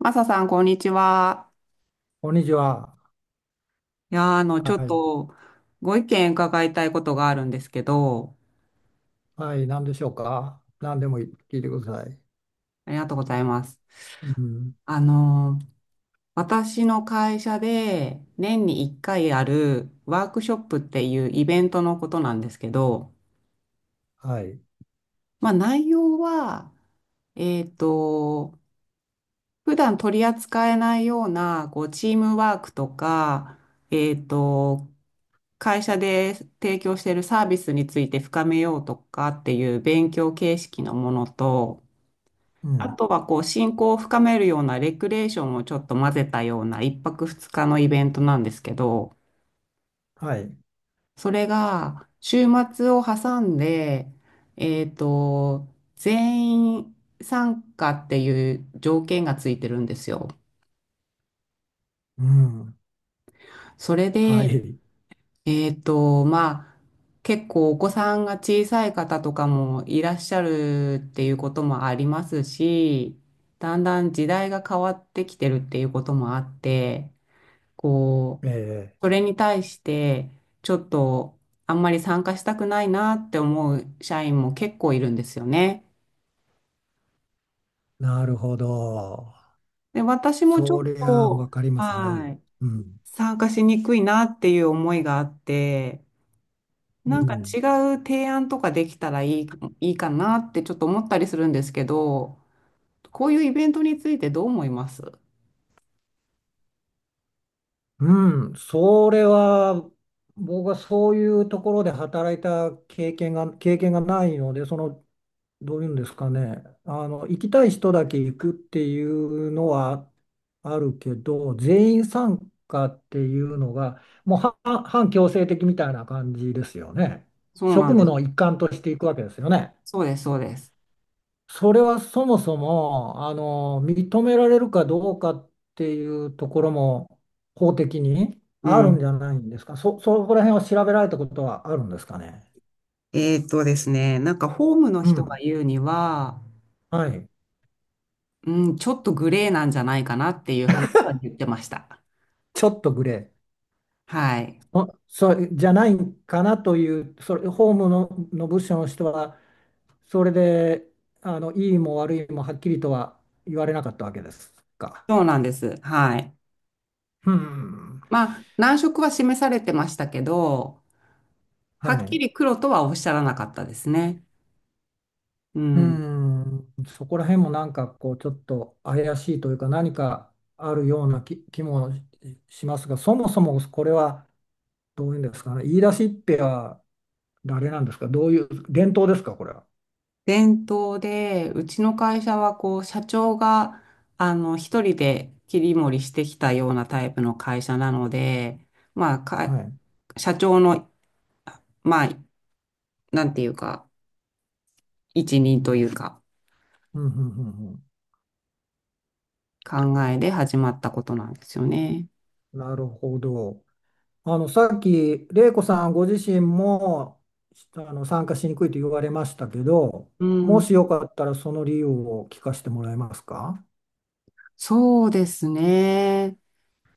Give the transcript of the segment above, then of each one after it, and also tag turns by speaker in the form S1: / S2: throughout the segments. S1: マサさん、こんにちは。
S2: こんにちは。
S1: いやー、ち
S2: は
S1: ょっ
S2: い。
S1: と、ご意見伺いたいことがあるんですけど、
S2: はい。何でしょうか。何でも聞いてください。
S1: ありがとうございます。
S2: うん。
S1: あのー、私の会社で、年に1回あるワークショップっていうイベントのことなんですけど、
S2: はい。
S1: まあ、内容は、えっと、普段取り扱えないような、こう、チームワークとか、えっと、会社で提供しているサービスについて深めようとかっていう勉強形式のものと、
S2: う
S1: あ
S2: ん。
S1: とはこう、親交を深めるようなレクレーションをちょっと混ぜたような一泊二日のイベントなんですけど、
S2: はい。
S1: それが週末を挟んで、えっと、全員参加っていう条件がついてるんですよ。
S2: うん。
S1: それ
S2: は
S1: で、
S2: い。
S1: まあ、結構お子さんが小さい方とかもいらっしゃるっていうこともありますし、だんだん時代が変わってきてるっていうこともあって、こう、
S2: ええ。
S1: それに対して、ちょっとあんまり参加したくないなって思う社員も結構いるんですよね。
S2: なるほど。
S1: で、私もちょっ
S2: そりゃわ
S1: と、
S2: かります。はい。
S1: はい、
S2: うん。
S1: 参加しにくいなっていう思いがあって、
S2: う
S1: なんか
S2: ん。
S1: 違う提案とかできたらいいかなってちょっと思ったりするんですけど、こういうイベントについてどう思います？
S2: うん。それは、僕はそういうところで働いた経験がないので、どういうんですかね、行きたい人だけ行くっていうのはあるけど、全員参加っていうのが、もうは半強制的みたいな感じですよね。
S1: そう
S2: 職
S1: なんで
S2: 務
S1: す。
S2: の一環としていくわけですよね。
S1: そうです、そうです。
S2: それはそもそも、認められるかどうかっていうところも法的に
S1: う
S2: あるんじ
S1: ん。
S2: ゃないんですか。そこら辺を調べられたことはあるんですかね。
S1: ですね、なんかホームの
S2: う
S1: 人が
S2: ん。
S1: 言うには、
S2: はい。
S1: うん、ちょっとグレーなんじゃないかなっていう話は言ってました。
S2: ちょっとグレー。
S1: はい。
S2: あ、そう、じゃないかなという、それ、法務の部署の人は、それで、いいも悪いもはっきりとは言われなかったわけですか。
S1: そうなんです。はい。
S2: うん。
S1: まあ、難色は示されてましたけど、は
S2: は
S1: っき
S2: い。
S1: り黒とはおっしゃらなかったですね。う
S2: う
S1: ん。
S2: ん。そこら辺もなんか、こう、ちょっと怪しいというか、何かあるような気もしますが、そもそもこれは、どういうんですかね。言い出しっぺは誰なんですか。どういう、伝統ですか、これは。
S1: 伝統で、うちの会社はこう、社長が、一人で切り盛りしてきたようなタイプの会社なので、まあ、
S2: は
S1: か、
S2: い。
S1: 社長の、まあ、なんていうか、一任というか、
S2: うん、うん、うん、
S1: 考えで始まったことなんですよね。
S2: うん。なるほど。さっき、玲子さんご自身も、参加しにくいと言われましたけど、
S1: う
S2: も
S1: ん、
S2: しよかったらその理由を聞かせてもらえますか？
S1: そうですね。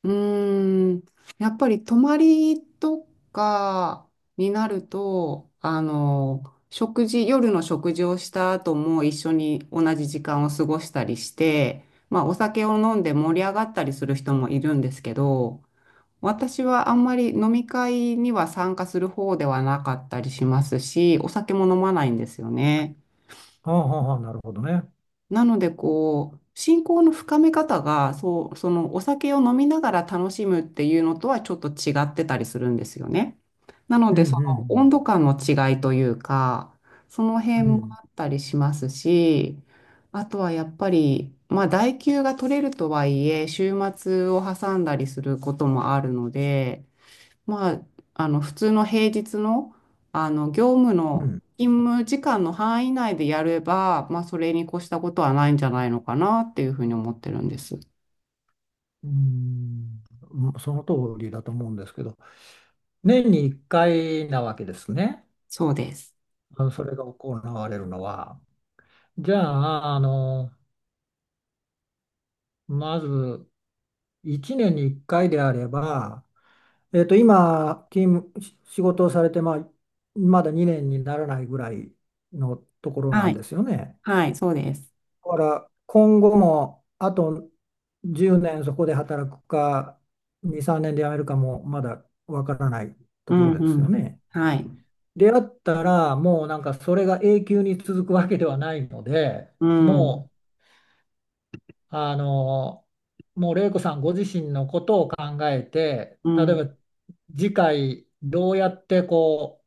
S1: うーん、やっぱり泊まりとかになると、食事、夜の食事をした後も一緒に同じ時間を過ごしたりして、まあお酒を飲んで盛り上がったりする人もいるんですけど、私はあんまり飲み会には参加する方ではなかったりしますし、お酒も飲まないんですよね。
S2: はあはあはあ、なるほどね。
S1: なので、こう、信仰の深め方が、そう、そのお酒を飲みながら楽しむっていうのとはちょっと違ってたりするんですよね。なの
S2: う
S1: で、
S2: ん
S1: そ
S2: う
S1: の
S2: ん
S1: 温度感の違いというか、その
S2: うん。
S1: 辺
S2: う
S1: も
S2: ん。
S1: あったりしますし、あとはやっぱり、まあ、代休が取れるとはいえ、週末を挟んだりすることもあるので、まあ、あの普通の平日の、あの業務
S2: う
S1: の
S2: ん。
S1: 勤務時間の範囲内でやれば、まあ、それに越したことはないんじゃないのかなっていうふうに思ってるんです。
S2: うん、その通りだと思うんですけど、年に1回なわけですね。
S1: そうです。
S2: それが行われるのは。じゃあ、まず1年に1回であれば、今、勤務、し仕事をされて、まあ、まだ2年にならないぐらいのところな
S1: は
S2: ん
S1: い。
S2: ですよね。
S1: はい、そうです。
S2: だから、今後も、あと10年そこで働くか、2、3年で辞めるかも、まだわからない
S1: う
S2: とこ
S1: ん、
S2: ろです
S1: う
S2: よ
S1: ん。
S2: ね。
S1: はい。
S2: であったら、もうなんか、それが永久に続くわけではないので、
S1: うん、
S2: もう、あの、もう玲子さんご自身のことを考えて、
S1: う
S2: 例
S1: ん、
S2: えば次回どうやってこ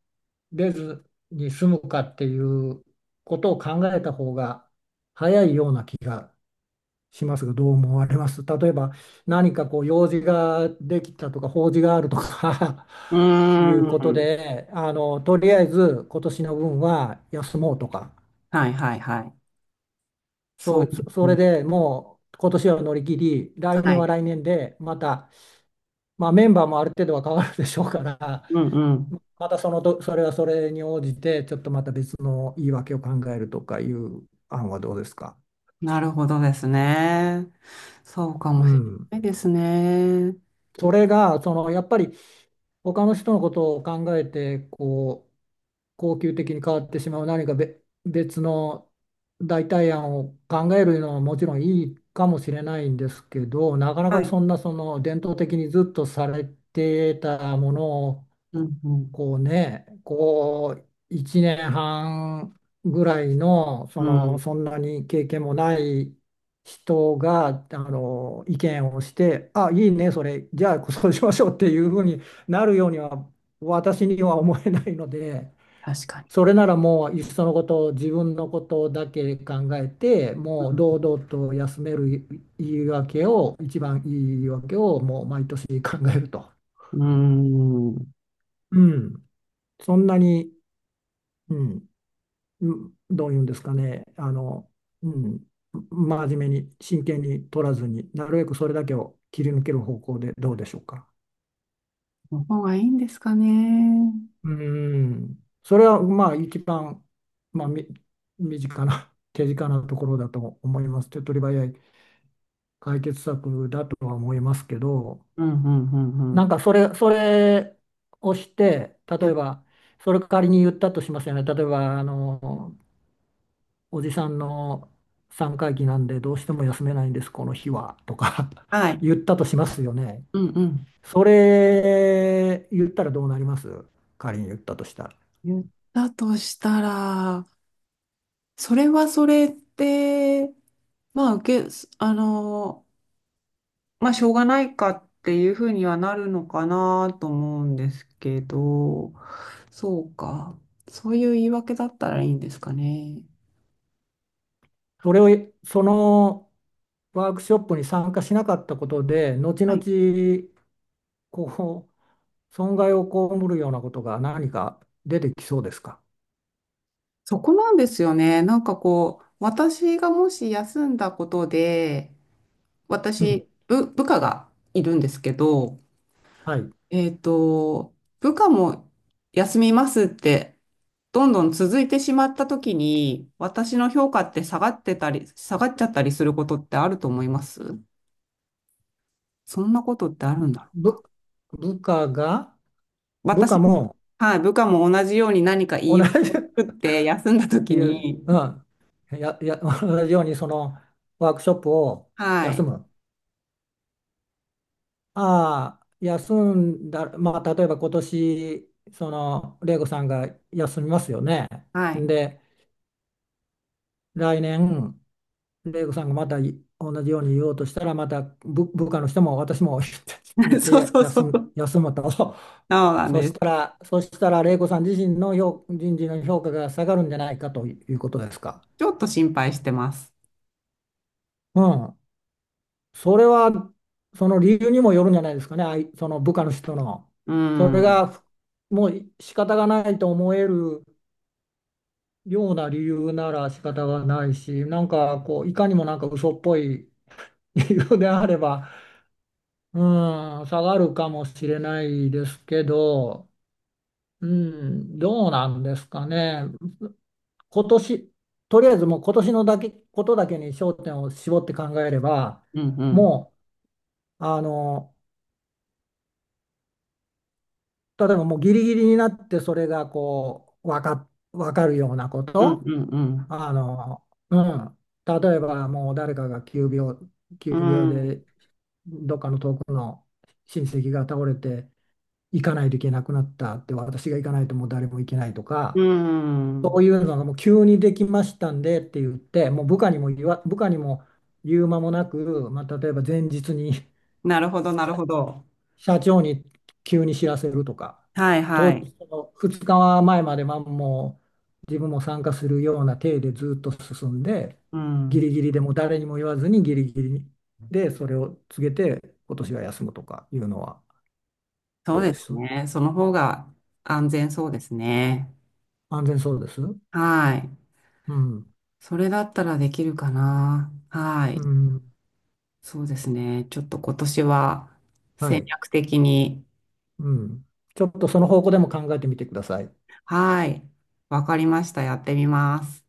S2: う、出ずに済むかっていうことを考えた方が早いような気がしますが、どう思われます？例えば何かこう用事ができたとか法事があるとか
S1: う
S2: いうこと
S1: ん。
S2: で、とりあえず今年の分は休もうとか。
S1: はい、はい、はい。
S2: そ
S1: そ
S2: う、
S1: うです
S2: それ
S1: ね。
S2: でもう今年は乗り切り、来
S1: は
S2: 年は
S1: い。
S2: 来年で、また、まあ、メンバーもある程度は変わるでしょうから、
S1: うん、うん。
S2: またそのと、それはそれに応じて、ちょっとまた別の言い訳を考えるとかいう案はどうですか。
S1: なるほどですね。そうか
S2: う
S1: もしれ
S2: ん。
S1: ないですね。
S2: それが、やっぱり他の人のことを考えてこう恒久的に変わってしまう何か別の代替案を考えるのはもちろんいいかもしれないんですけど、なかな
S1: は
S2: か
S1: い。
S2: そんな伝統的にずっとされてたものを
S1: うん、うん、
S2: こうね、こう1年半ぐらいの、
S1: うん。
S2: そんなに経験もない人が、意見をして、あ、いいね、それ、じゃあそ うしましょうっていうふうになるようには、私には思えないので、
S1: 確かに。
S2: それならもう、いっそのこと、自分のことだけ考えて、もう堂々と休める言い訳を、一番いい言い訳を、もう毎年考えると。
S1: うーん。
S2: うん、そんなに。うん、うん。どういうんですかね、うん、真面目に、真剣に取らずに、なるべくそれだけを切り抜ける方向でどうでしょうか。
S1: の方がいいんですかね。
S2: うん。それはまあ一番、まあ、身近な、手近なところだと思います。手っ取り早い解決策だとは思いますけど、
S1: うん、うん、うん、う
S2: なん
S1: ん。
S2: かそれをして、
S1: い
S2: 例え
S1: や
S2: ば、それ仮に言ったとしますよね。例えば、おじさんの三回忌なんでどうしても休めないんです、この日は、とか
S1: は い。
S2: 言ったとしますよね。
S1: うん、うん。
S2: それ言ったらどうなります？仮に言ったとしたら。
S1: 言ったとしたら、それはそれって、まあ、あの、まあ、しょうがないかっていうふうにはなるのかなと思うんですけど、そうか。そういう言い訳だったらいいんですかね。
S2: それを、そのワークショップに参加しなかったことで、後
S1: は
S2: 々、
S1: い、
S2: こう、損害を被るようなことが何か出てきそうですか？
S1: そこなんですよね。なんかこう、私がもし休んだことで、
S2: うん。
S1: 私、部下がいるんですけど、
S2: はい。
S1: 部下も休みますって、どんどん続いてしまった時に、私の評価って下がってたり、下がっちゃったりすることってあると思います？そんなことってあるんだろう
S2: 部、
S1: か。
S2: 部下が、部
S1: 私
S2: 下
S1: に、
S2: も
S1: はい、部下も同じように何か言
S2: 同
S1: い訳
S2: じ
S1: を作って休んだ時
S2: いや、う
S1: に、
S2: ん。同じようにそのワークショップを
S1: は
S2: 休
S1: い、
S2: む。ああ、休んだ、まあ、例えば今年、その、玲子さんが休みますよね。
S1: はい、
S2: で、来年、玲子さんがまた同じように言おうとしたら、また部下の人も私も 言っ て、言って
S1: そうそうそ
S2: 休
S1: う、そ
S2: む、
S1: う
S2: 休むと。
S1: なん
S2: そ
S1: で
S2: した
S1: す。
S2: ら、そしたら、玲子さん自身の人事の評価が下がるんじゃないかということですか。
S1: ちょっと心配してます。
S2: うん。それは、その理由にもよるんじゃないですかね、その部下の人の。
S1: う
S2: そ
S1: ん、う
S2: れ
S1: ん、
S2: が、もう仕方がないと思えるような理由なら仕方がないし、なんかこう、いかにもなんか嘘っぽい 理由であれば、うん、下がるかもしれないですけど、うん、どうなんですかね。今年、とりあえずもう今年のだけ、ことだけに焦点を絞って考えれば、
S1: うん、
S2: もう、例えばもうギリギリになってそれがこう、わかるようなこ
S1: うん、
S2: と。
S1: うん、うん。
S2: あの、うん。例えばもう誰かが急病、急
S1: う
S2: 病
S1: ん。
S2: でどっかの遠くの親戚が倒れて行かないといけなくなったって、私が行かないともう誰も行けないと
S1: う
S2: か、そう
S1: ん。
S2: いうのがもう急にできましたんでって言って、もう部下にも言う間もなく、まあ、例えば前日に
S1: なるほど、なるほど。
S2: 社長に急に知らせるとか、
S1: はい、はい。
S2: その2日前まではもう自分も参加するような体でずっと進んで、
S1: う
S2: ギ
S1: ん。
S2: リギリでも誰にも言わずにギリギリでそれを告げて、今年は休むとかいうのは
S1: そう
S2: どうで
S1: です
S2: す？
S1: ね。その方が安全そうですね。
S2: 安全そうです？う
S1: はい。
S2: ん、
S1: それだったらできるかな。は
S2: う
S1: い。
S2: ん、
S1: そうですね。ちょっと今年は
S2: は
S1: 戦
S2: い、
S1: 略的に。
S2: うん。ちょっとその方向でも考えてみてください。
S1: はい。わかりました。やってみます。